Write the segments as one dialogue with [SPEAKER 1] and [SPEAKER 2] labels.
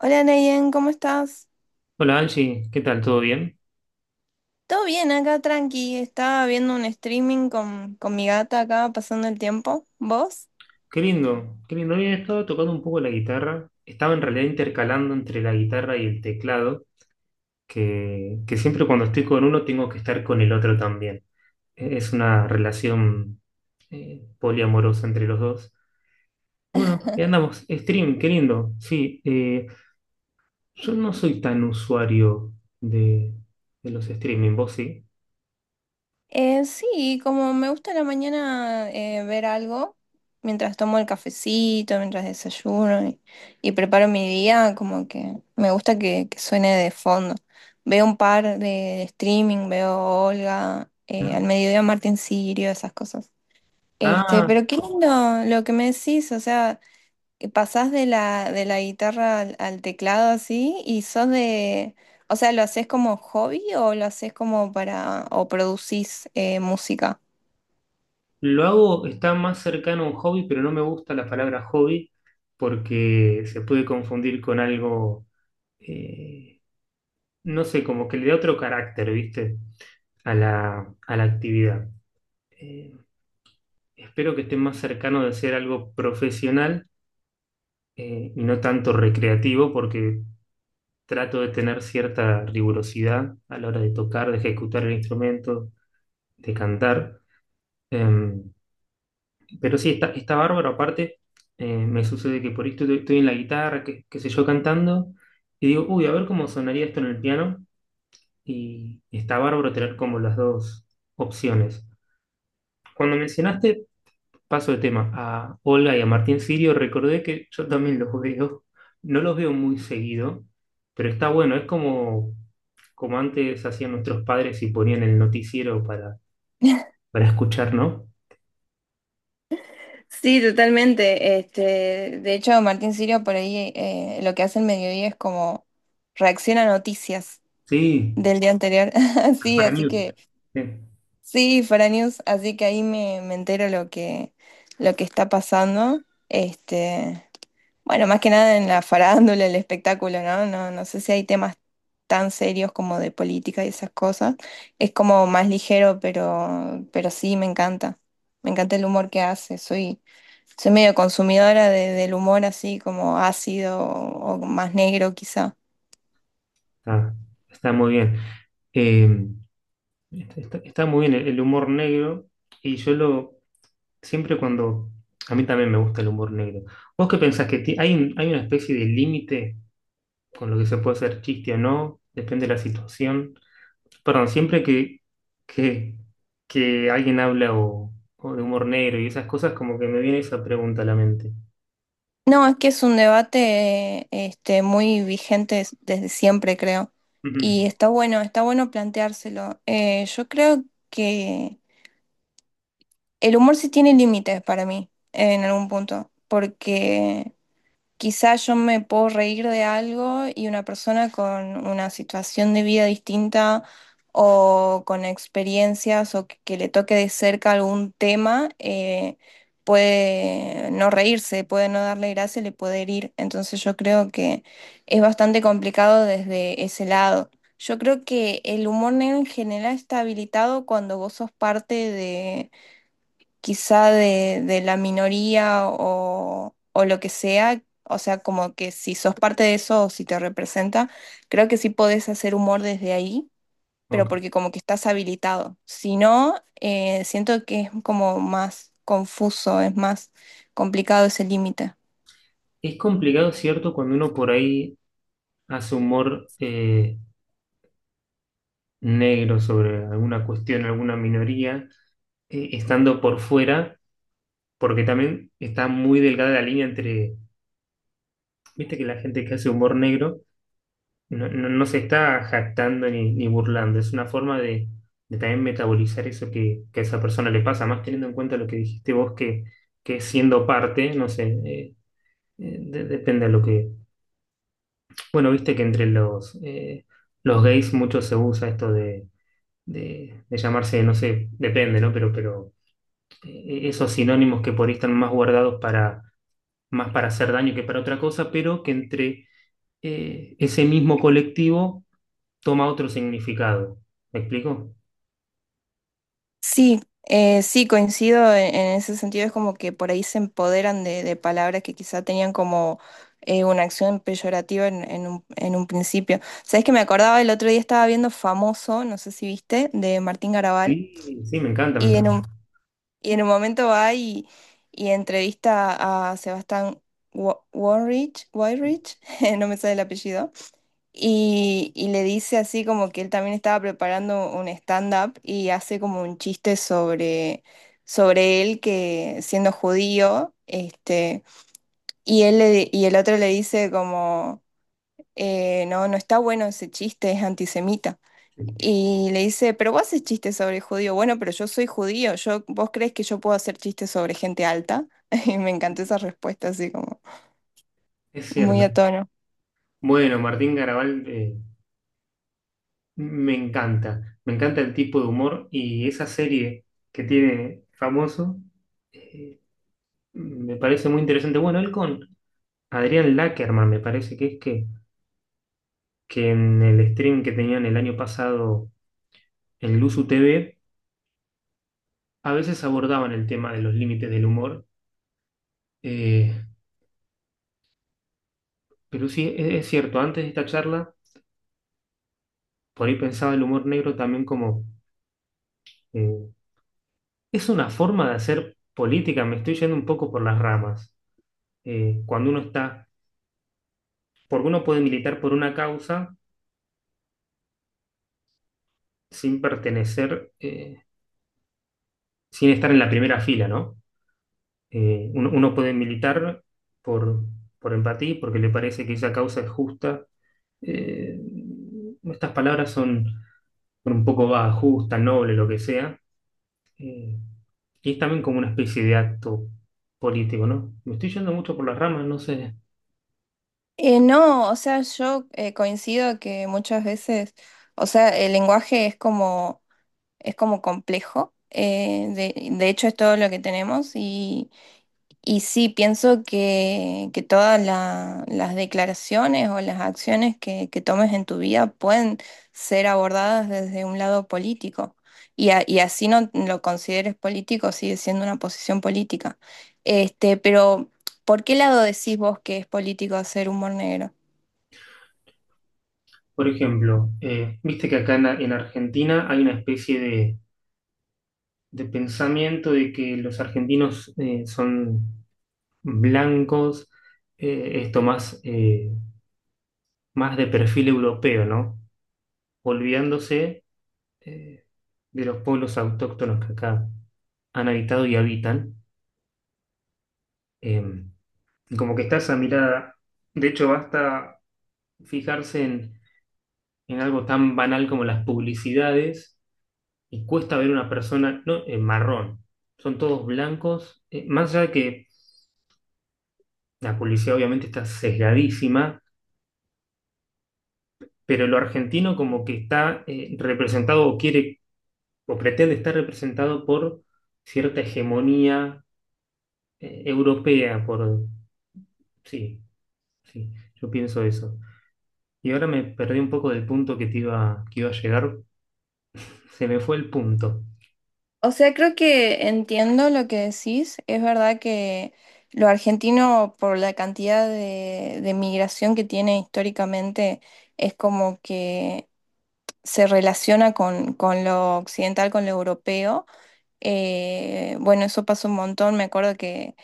[SPEAKER 1] Hola Nayen, ¿cómo estás?
[SPEAKER 2] Hola Angie, ¿qué tal? ¿Todo bien?
[SPEAKER 1] Todo bien acá, tranqui. Estaba viendo un streaming con mi gata acá, pasando el tiempo. ¿Vos?
[SPEAKER 2] Qué lindo, qué lindo. Hoy he estado tocando un poco la guitarra. Estaba en realidad intercalando entre la guitarra y el teclado, que siempre cuando estoy con uno tengo que estar con el otro también. Es una relación poliamorosa entre los dos. Bueno, ahí andamos. Stream, qué lindo. Sí, yo no soy tan usuario de, de los streaming, ¿vos sí?
[SPEAKER 1] Sí, como me gusta a la mañana ver algo, mientras tomo el cafecito, mientras desayuno y preparo mi día, como que me gusta que suene de fondo. Veo un par de streaming, veo Olga, al mediodía Martín Sirio, esas cosas. Este,
[SPEAKER 2] Ah.
[SPEAKER 1] pero qué lindo lo que me decís, o sea, que pasás de la guitarra al teclado, así y sos de, o sea, ¿lo haces como hobby o lo haces como para, o producís música?
[SPEAKER 2] Lo hago, está más cercano a un hobby, pero no me gusta la palabra hobby porque se puede confundir con algo, eh, no sé, como que le da otro carácter, ¿viste? A la actividad. Eh, espero que esté más cercano de ser algo profesional, y no tanto recreativo porque trato de tener cierta rigurosidad a la hora de tocar, de ejecutar el instrumento, de cantar. Eh, Pero sí, está bárbaro. Aparte, me sucede que por ahí estoy en la guitarra, qué sé yo, cantando, y digo, uy, a ver cómo sonaría esto en el piano. Y está bárbaro tener como las dos opciones. Cuando mencionaste, paso de tema, a Olga y a Martín Sirio, recordé que yo también los veo. No los veo muy seguido, pero está bueno. Es como, como antes hacían nuestros padres y ponían el noticiero para escuchar, ¿no?
[SPEAKER 1] Sí, totalmente. Este, de hecho, Martín Sirio por ahí lo que hace el mediodía es como reacciona a noticias
[SPEAKER 2] Sí,
[SPEAKER 1] del día anterior. Sí,
[SPEAKER 2] para mí.
[SPEAKER 1] así que
[SPEAKER 2] Sí.
[SPEAKER 1] sí, para News, así que ahí me entero lo que está pasando. Este, bueno, más que nada en la farándula, el espectáculo, ¿no? No, no sé si hay temas tan serios como de política y esas cosas. Es como más ligero, pero sí, me encanta. Me encanta el humor que hace. Soy, soy medio consumidora de- del humor así como ácido o más negro quizá.
[SPEAKER 2] Está, está muy bien. Eh, está, está muy bien el humor negro y yo lo siempre cuando a mí también me gusta el humor negro. ¿Vos qué pensás que hay, hay una especie de límite con lo que se puede hacer chiste o no? Depende de la situación. Perdón, que, que alguien habla o de humor negro y esas cosas, como que me viene esa pregunta a la mente.
[SPEAKER 1] No, es que es un debate este, muy vigente des- desde siempre, creo.
[SPEAKER 2] Ujú.
[SPEAKER 1] Y está bueno planteárselo. Yo creo el humor sí tiene límites para mí, en algún punto, porque quizás yo me puedo reír de algo y una persona con una situación de vida distinta o con experiencias o que le toque de cerca algún tema, puede no reírse, puede no darle gracia, le puede herir. Entonces yo creo que es bastante complicado desde ese lado. Yo creo que el humor negro en general está habilitado cuando vos sos parte de quizá de la minoría o lo que sea, o sea, como que si sos parte de eso o si te representa, creo que sí podés hacer humor desde ahí, pero
[SPEAKER 2] Ok.
[SPEAKER 1] porque como que estás habilitado. Si no, siento que es como más confuso, es más complicado ese límite.
[SPEAKER 2] Es complicado, ¿cierto? Cuando uno por ahí hace humor, negro sobre alguna cuestión, alguna minoría, estando por fuera, porque también está muy delgada la línea entre, viste que la gente que hace humor negro no se está jactando ni burlando, es una forma de también metabolizar eso que a esa persona le pasa, más teniendo en cuenta lo que dijiste vos, que siendo parte, no sé, depende de lo que, bueno, viste que entre los gays mucho se usa esto de de llamarse, no sé, depende, ¿no? Pero esos sinónimos que por ahí están más guardados para, más para hacer daño que para otra cosa, pero que entre ese mismo colectivo toma otro significado. ¿Me explico?
[SPEAKER 1] Sí, sí, coincido en ese sentido. Es como que por ahí se empoderan de palabras que quizá tenían como una acción peyorativa en un principio. ¿Sabes que me acordaba? El otro día estaba viendo Famoso, no sé si viste, de Martín Garabal,
[SPEAKER 2] Sí, sí, me encanta, me
[SPEAKER 1] y en
[SPEAKER 2] encanta.
[SPEAKER 1] un, y en un momento va y entrevista a Sebastián Warrich, Weinrich, no me sale el apellido y le dice así, como que él también estaba preparando un stand-up y hace como un chiste sobre, sobre él que siendo judío, este, y él le di- y el otro le dice como, no, no está bueno ese chiste, es antisemita. Y le dice, pero vos haces chistes sobre judío, bueno, pero yo soy judío, yo, ¿vos crees que yo puedo hacer chistes sobre gente alta? Y me encantó esa respuesta así como
[SPEAKER 2] Es
[SPEAKER 1] muy
[SPEAKER 2] cierto.
[SPEAKER 1] a tono.
[SPEAKER 2] Bueno, Martín Garabal, me encanta. Me encanta el tipo de humor y esa serie que tiene famoso, eh, me parece muy interesante. Bueno, él con Adrián Lackerman, me parece que en el stream que tenían el año pasado en Luzu TV, a veces abordaban el tema de los límites del humor. eh, pero sí, es cierto, antes de esta charla, por ahí pensaba el humor negro también como, eh, es una forma de hacer política, me estoy yendo un poco por las ramas. Cuando uno está, porque uno puede militar por una causa sin pertenecer, sin estar en la primera fila, ¿no? Uno puede militar por, por empatía, porque le parece que esa causa es justa. Eh, estas palabras son, bueno, un poco va justa, noble, lo que sea. Eh, y es también como una especie de acto político, ¿no? Me estoy yendo mucho por las ramas, no sé.
[SPEAKER 1] No, o sea, yo coincido que muchas veces, o sea, el lenguaje es como complejo, de hecho es todo lo que tenemos y sí, pienso que todas la- las declaraciones o las acciones que tomes en tu vida pueden ser abordadas desde un lado político y, a- y así no lo consideres político, sigue siendo una posición política. Este, pero, ¿por qué lado decís vos que es político hacer humor negro?
[SPEAKER 2] Por ejemplo, viste que acá en Argentina hay una especie de pensamiento de que los argentinos son blancos, esto más, más de perfil europeo, ¿no? Olvidándose eh, de los pueblos autóctonos que acá han habitado y habitan. em, Como que está esa mirada. De hecho, basta fijarse en algo tan banal como las publicidades y cuesta ver una persona no, en marrón. Son todos blancos. Más allá de que la publicidad obviamente está sesgadísima, pero lo argentino como que está representado o quiere o pretende estar representado por cierta hegemonía europea, por... Sí, sí, yo pienso eso. Y ahora me perdí un poco del punto que iba a llegar. Se me fue el punto,
[SPEAKER 1] O sea, creo que entiendo lo que decís. Es verdad que lo argentino, por la cantidad de migración que tiene históricamente, es como que se relaciona con lo occidental, con lo europeo. Bueno, eso pasó un montón. Me acuerdo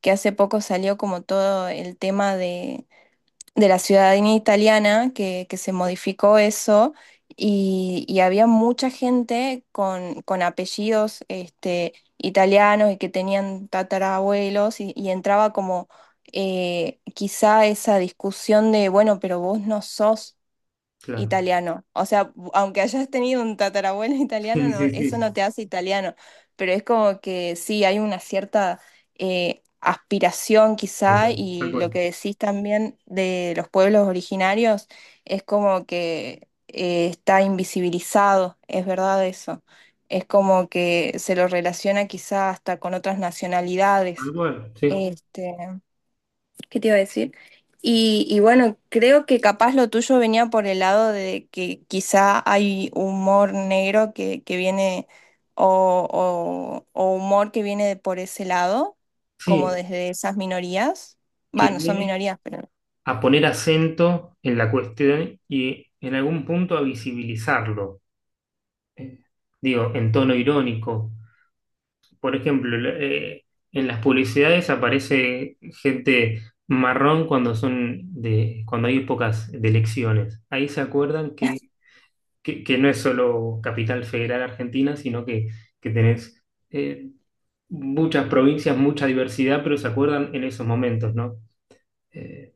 [SPEAKER 1] que hace poco salió como todo el tema de la ciudadanía italiana que se modificó eso y había mucha gente con apellidos este, italianos y que tenían tatarabuelos y entraba como quizá esa discusión de, bueno, pero vos no sos
[SPEAKER 2] claro.
[SPEAKER 1] italiano. O sea, aunque hayas tenido un tatarabuelo italiano,
[SPEAKER 2] Sí,
[SPEAKER 1] no,
[SPEAKER 2] sí,
[SPEAKER 1] eso no
[SPEAKER 2] sí,
[SPEAKER 1] te hace italiano. Pero es como que sí, hay una cierta aspiración
[SPEAKER 2] tal
[SPEAKER 1] quizá
[SPEAKER 2] cual, tal
[SPEAKER 1] y
[SPEAKER 2] cual,
[SPEAKER 1] lo que decís también de los pueblos originarios es como que está invisibilizado, es verdad eso. Es como que se lo relaciona quizá hasta con otras
[SPEAKER 2] tal
[SPEAKER 1] nacionalidades.
[SPEAKER 2] cual, sí.
[SPEAKER 1] Este, ¿qué te iba a decir? Y bueno, creo que capaz lo tuyo venía por el lado de que quizá hay humor negro que viene o humor que viene de por ese lado, como
[SPEAKER 2] Sí,
[SPEAKER 1] desde esas minorías.
[SPEAKER 2] que
[SPEAKER 1] Bueno, son
[SPEAKER 2] viene
[SPEAKER 1] minorías, pero
[SPEAKER 2] a poner acento en la cuestión y en algún punto a visibilizarlo. Eh, digo, en tono irónico. Por ejemplo, en las publicidades aparece gente marrón cuando son de, cuando hay épocas de elecciones. Ahí se acuerdan que no es solo Capital Federal Argentina, que tenés eh, muchas provincias, mucha diversidad, pero se acuerdan en esos momentos, ¿no? Eh,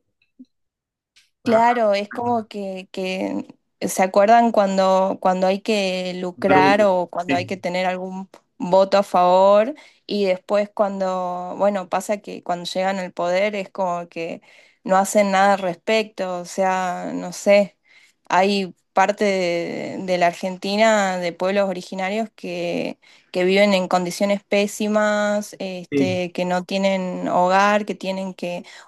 [SPEAKER 2] a-
[SPEAKER 1] claro, es como que se acuerdan cuando, cuando hay que
[SPEAKER 2] Dar
[SPEAKER 1] lucrar
[SPEAKER 2] gusto.
[SPEAKER 1] o cuando hay
[SPEAKER 2] Sí,
[SPEAKER 1] que tener algún voto a favor y después cuando, bueno, pasa que cuando llegan al poder es como que no hacen nada al respecto, o sea, no sé, hay parte de la Argentina, de pueblos originarios que viven en condiciones pésimas,
[SPEAKER 2] sí,
[SPEAKER 1] este, que no tienen hogar, que tienen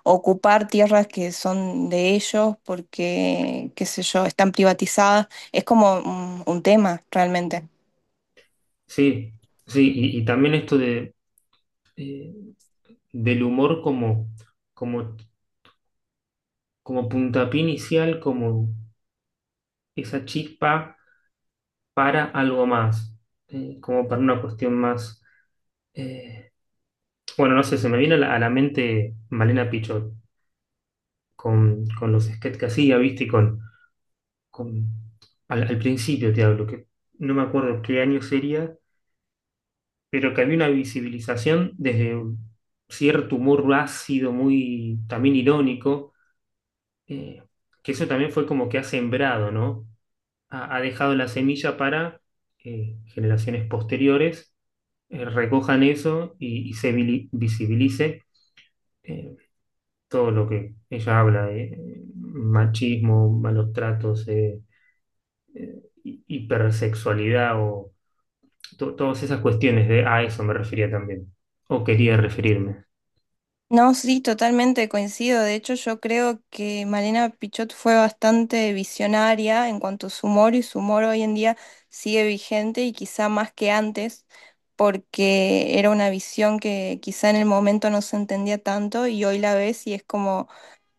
[SPEAKER 1] ocupar tierras que son de ellos porque, qué sé yo, están privatizadas. Es como un tema realmente.
[SPEAKER 2] sí, sí, y también esto de, eh, del humor como, como, como puntapié inicial, como esa chispa para algo más, como para una cuestión más... eh, bueno, no sé, se me viene a la mente Malena Pichot, con los sketches que hacía, ¿viste? Y con, al principio te hablo, que no me acuerdo qué año sería, pero que había una visibilización desde un cierto humor ácido, muy también irónico, eh, que eso también fue como que ha sembrado, ¿no? Ha dejado la semilla para generaciones posteriores recojan eso y se visibilice eh, todo lo que ella habla de machismo, malos tratos, hipersexualidad o todas esas cuestiones de a eso me refería también, o quería referirme.
[SPEAKER 1] No, sí, totalmente coincido. De hecho, yo creo que Malena Pichot fue bastante visionaria en cuanto a su humor y su humor hoy en día sigue vigente y quizá más que antes, porque era una visión que quizá en el momento no se entendía tanto y hoy la ves y es como...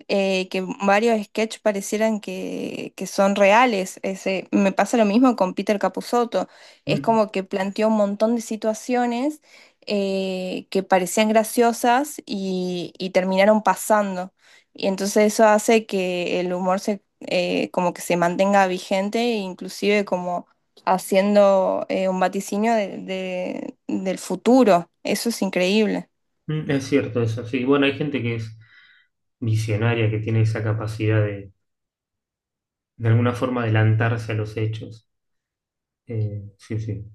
[SPEAKER 1] que varios sketches parecieran que son reales. Ese, me pasa lo mismo con Peter Capusotto. Es
[SPEAKER 2] Mm,
[SPEAKER 1] como que planteó un montón de situaciones que parecían graciosas y terminaron pasando. Y entonces eso hace que el humor se, como que se mantenga vigente, e inclusive como haciendo un vaticinio de- del futuro. Eso es increíble.
[SPEAKER 2] mm, es cierto eso, sí. Bueno, hay gente que es visionaria, que tiene esa capacidad de alguna forma, adelantarse a los hechos. Sí, sí.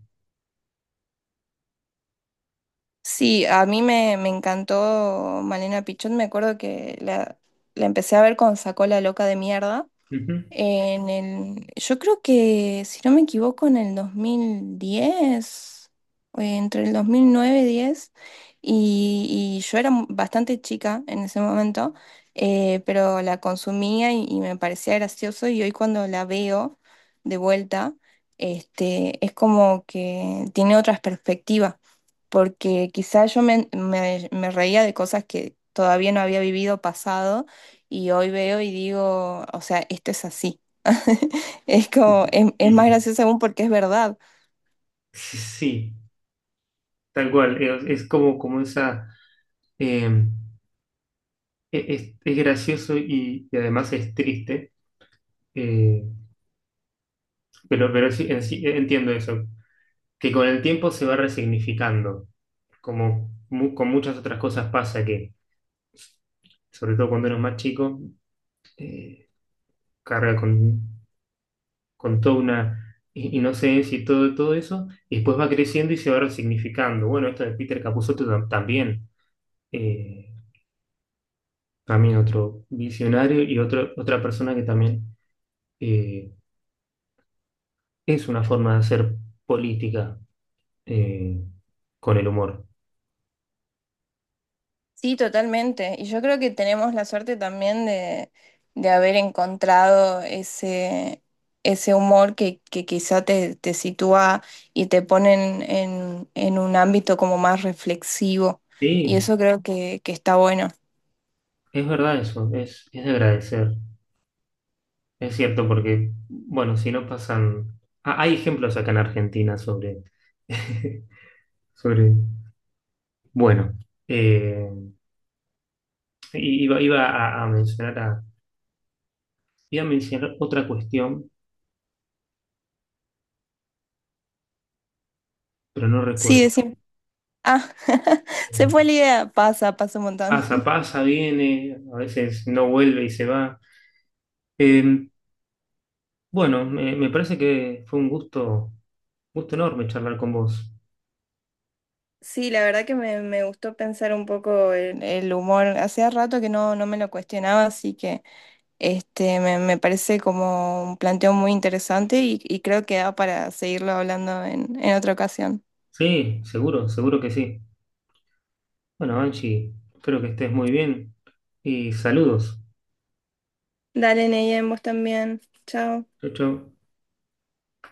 [SPEAKER 1] Sí, a mí me encantó Malena Pichot. Me acuerdo que la empecé a ver con Sacó la loca de mierda.
[SPEAKER 2] Ujú,
[SPEAKER 1] En el, yo creo que, si no me equivoco, en el 2010 entre el 2009 y 10, y yo era mu- bastante chica en ese momento, pero la consumía y me parecía gracioso, y hoy cuando la veo de vuelta, este, es como que tiene otras perspectivas, porque quizás yo me reía de cosas que todavía no había vivido pasado y hoy veo y digo, o sea, esto es así. Es como,
[SPEAKER 2] ujú. Sí,
[SPEAKER 1] es más
[SPEAKER 2] sí.
[SPEAKER 1] gracioso aún porque es verdad.
[SPEAKER 2] Sí, tal cual. Es como, como esa... eh, es gracioso y además es triste, eh, pero sí, en sí, entiendo eso, que con el tiempo se va resignificando, como con muchas otras cosas pasa que, sobre todo cuando uno es más chico, eh, carga con toda una inocencia y todo, todo eso, y después va creciendo y se va resignificando. Bueno, esto de Peter Capusotto también, eh, también otro visionario y otro, otra persona que también eh, es una forma de hacer política eh, con el humor.
[SPEAKER 1] Sí, totalmente. Y yo creo que tenemos la suerte también de haber encontrado ese, ese humor que quizá te, te sitúa y te pone en un ámbito como más reflexivo. Y
[SPEAKER 2] Sí,
[SPEAKER 1] eso creo que está bueno.
[SPEAKER 2] es verdad eso, es de agradecer. Es cierto, porque, bueno, si no pasan. Ah, hay ejemplos acá en Argentina sobre. Sobre. Bueno, eh, iba a, mencionar iba a mencionar otra cuestión, pero no
[SPEAKER 1] Sí,
[SPEAKER 2] recuerdo.
[SPEAKER 1] decir, ah, se fue la idea. Pasa, pasa un montón.
[SPEAKER 2] Pasa, pasa, viene, a veces no vuelve y se va. Eh, bueno, me parece que fue un gusto, gusto enorme charlar con vos.
[SPEAKER 1] Sí, la verdad que me gustó pensar un poco el humor. Hacía rato que no, no me lo cuestionaba, así que este me parece como un planteo muy interesante y creo que da para seguirlo hablando en otra ocasión.
[SPEAKER 2] Sí, seguro, seguro que sí. Bueno, Angie, espero que estés muy bien y saludos.
[SPEAKER 1] Dale, Neyen, vos también. Chao.
[SPEAKER 2] Chau, chau.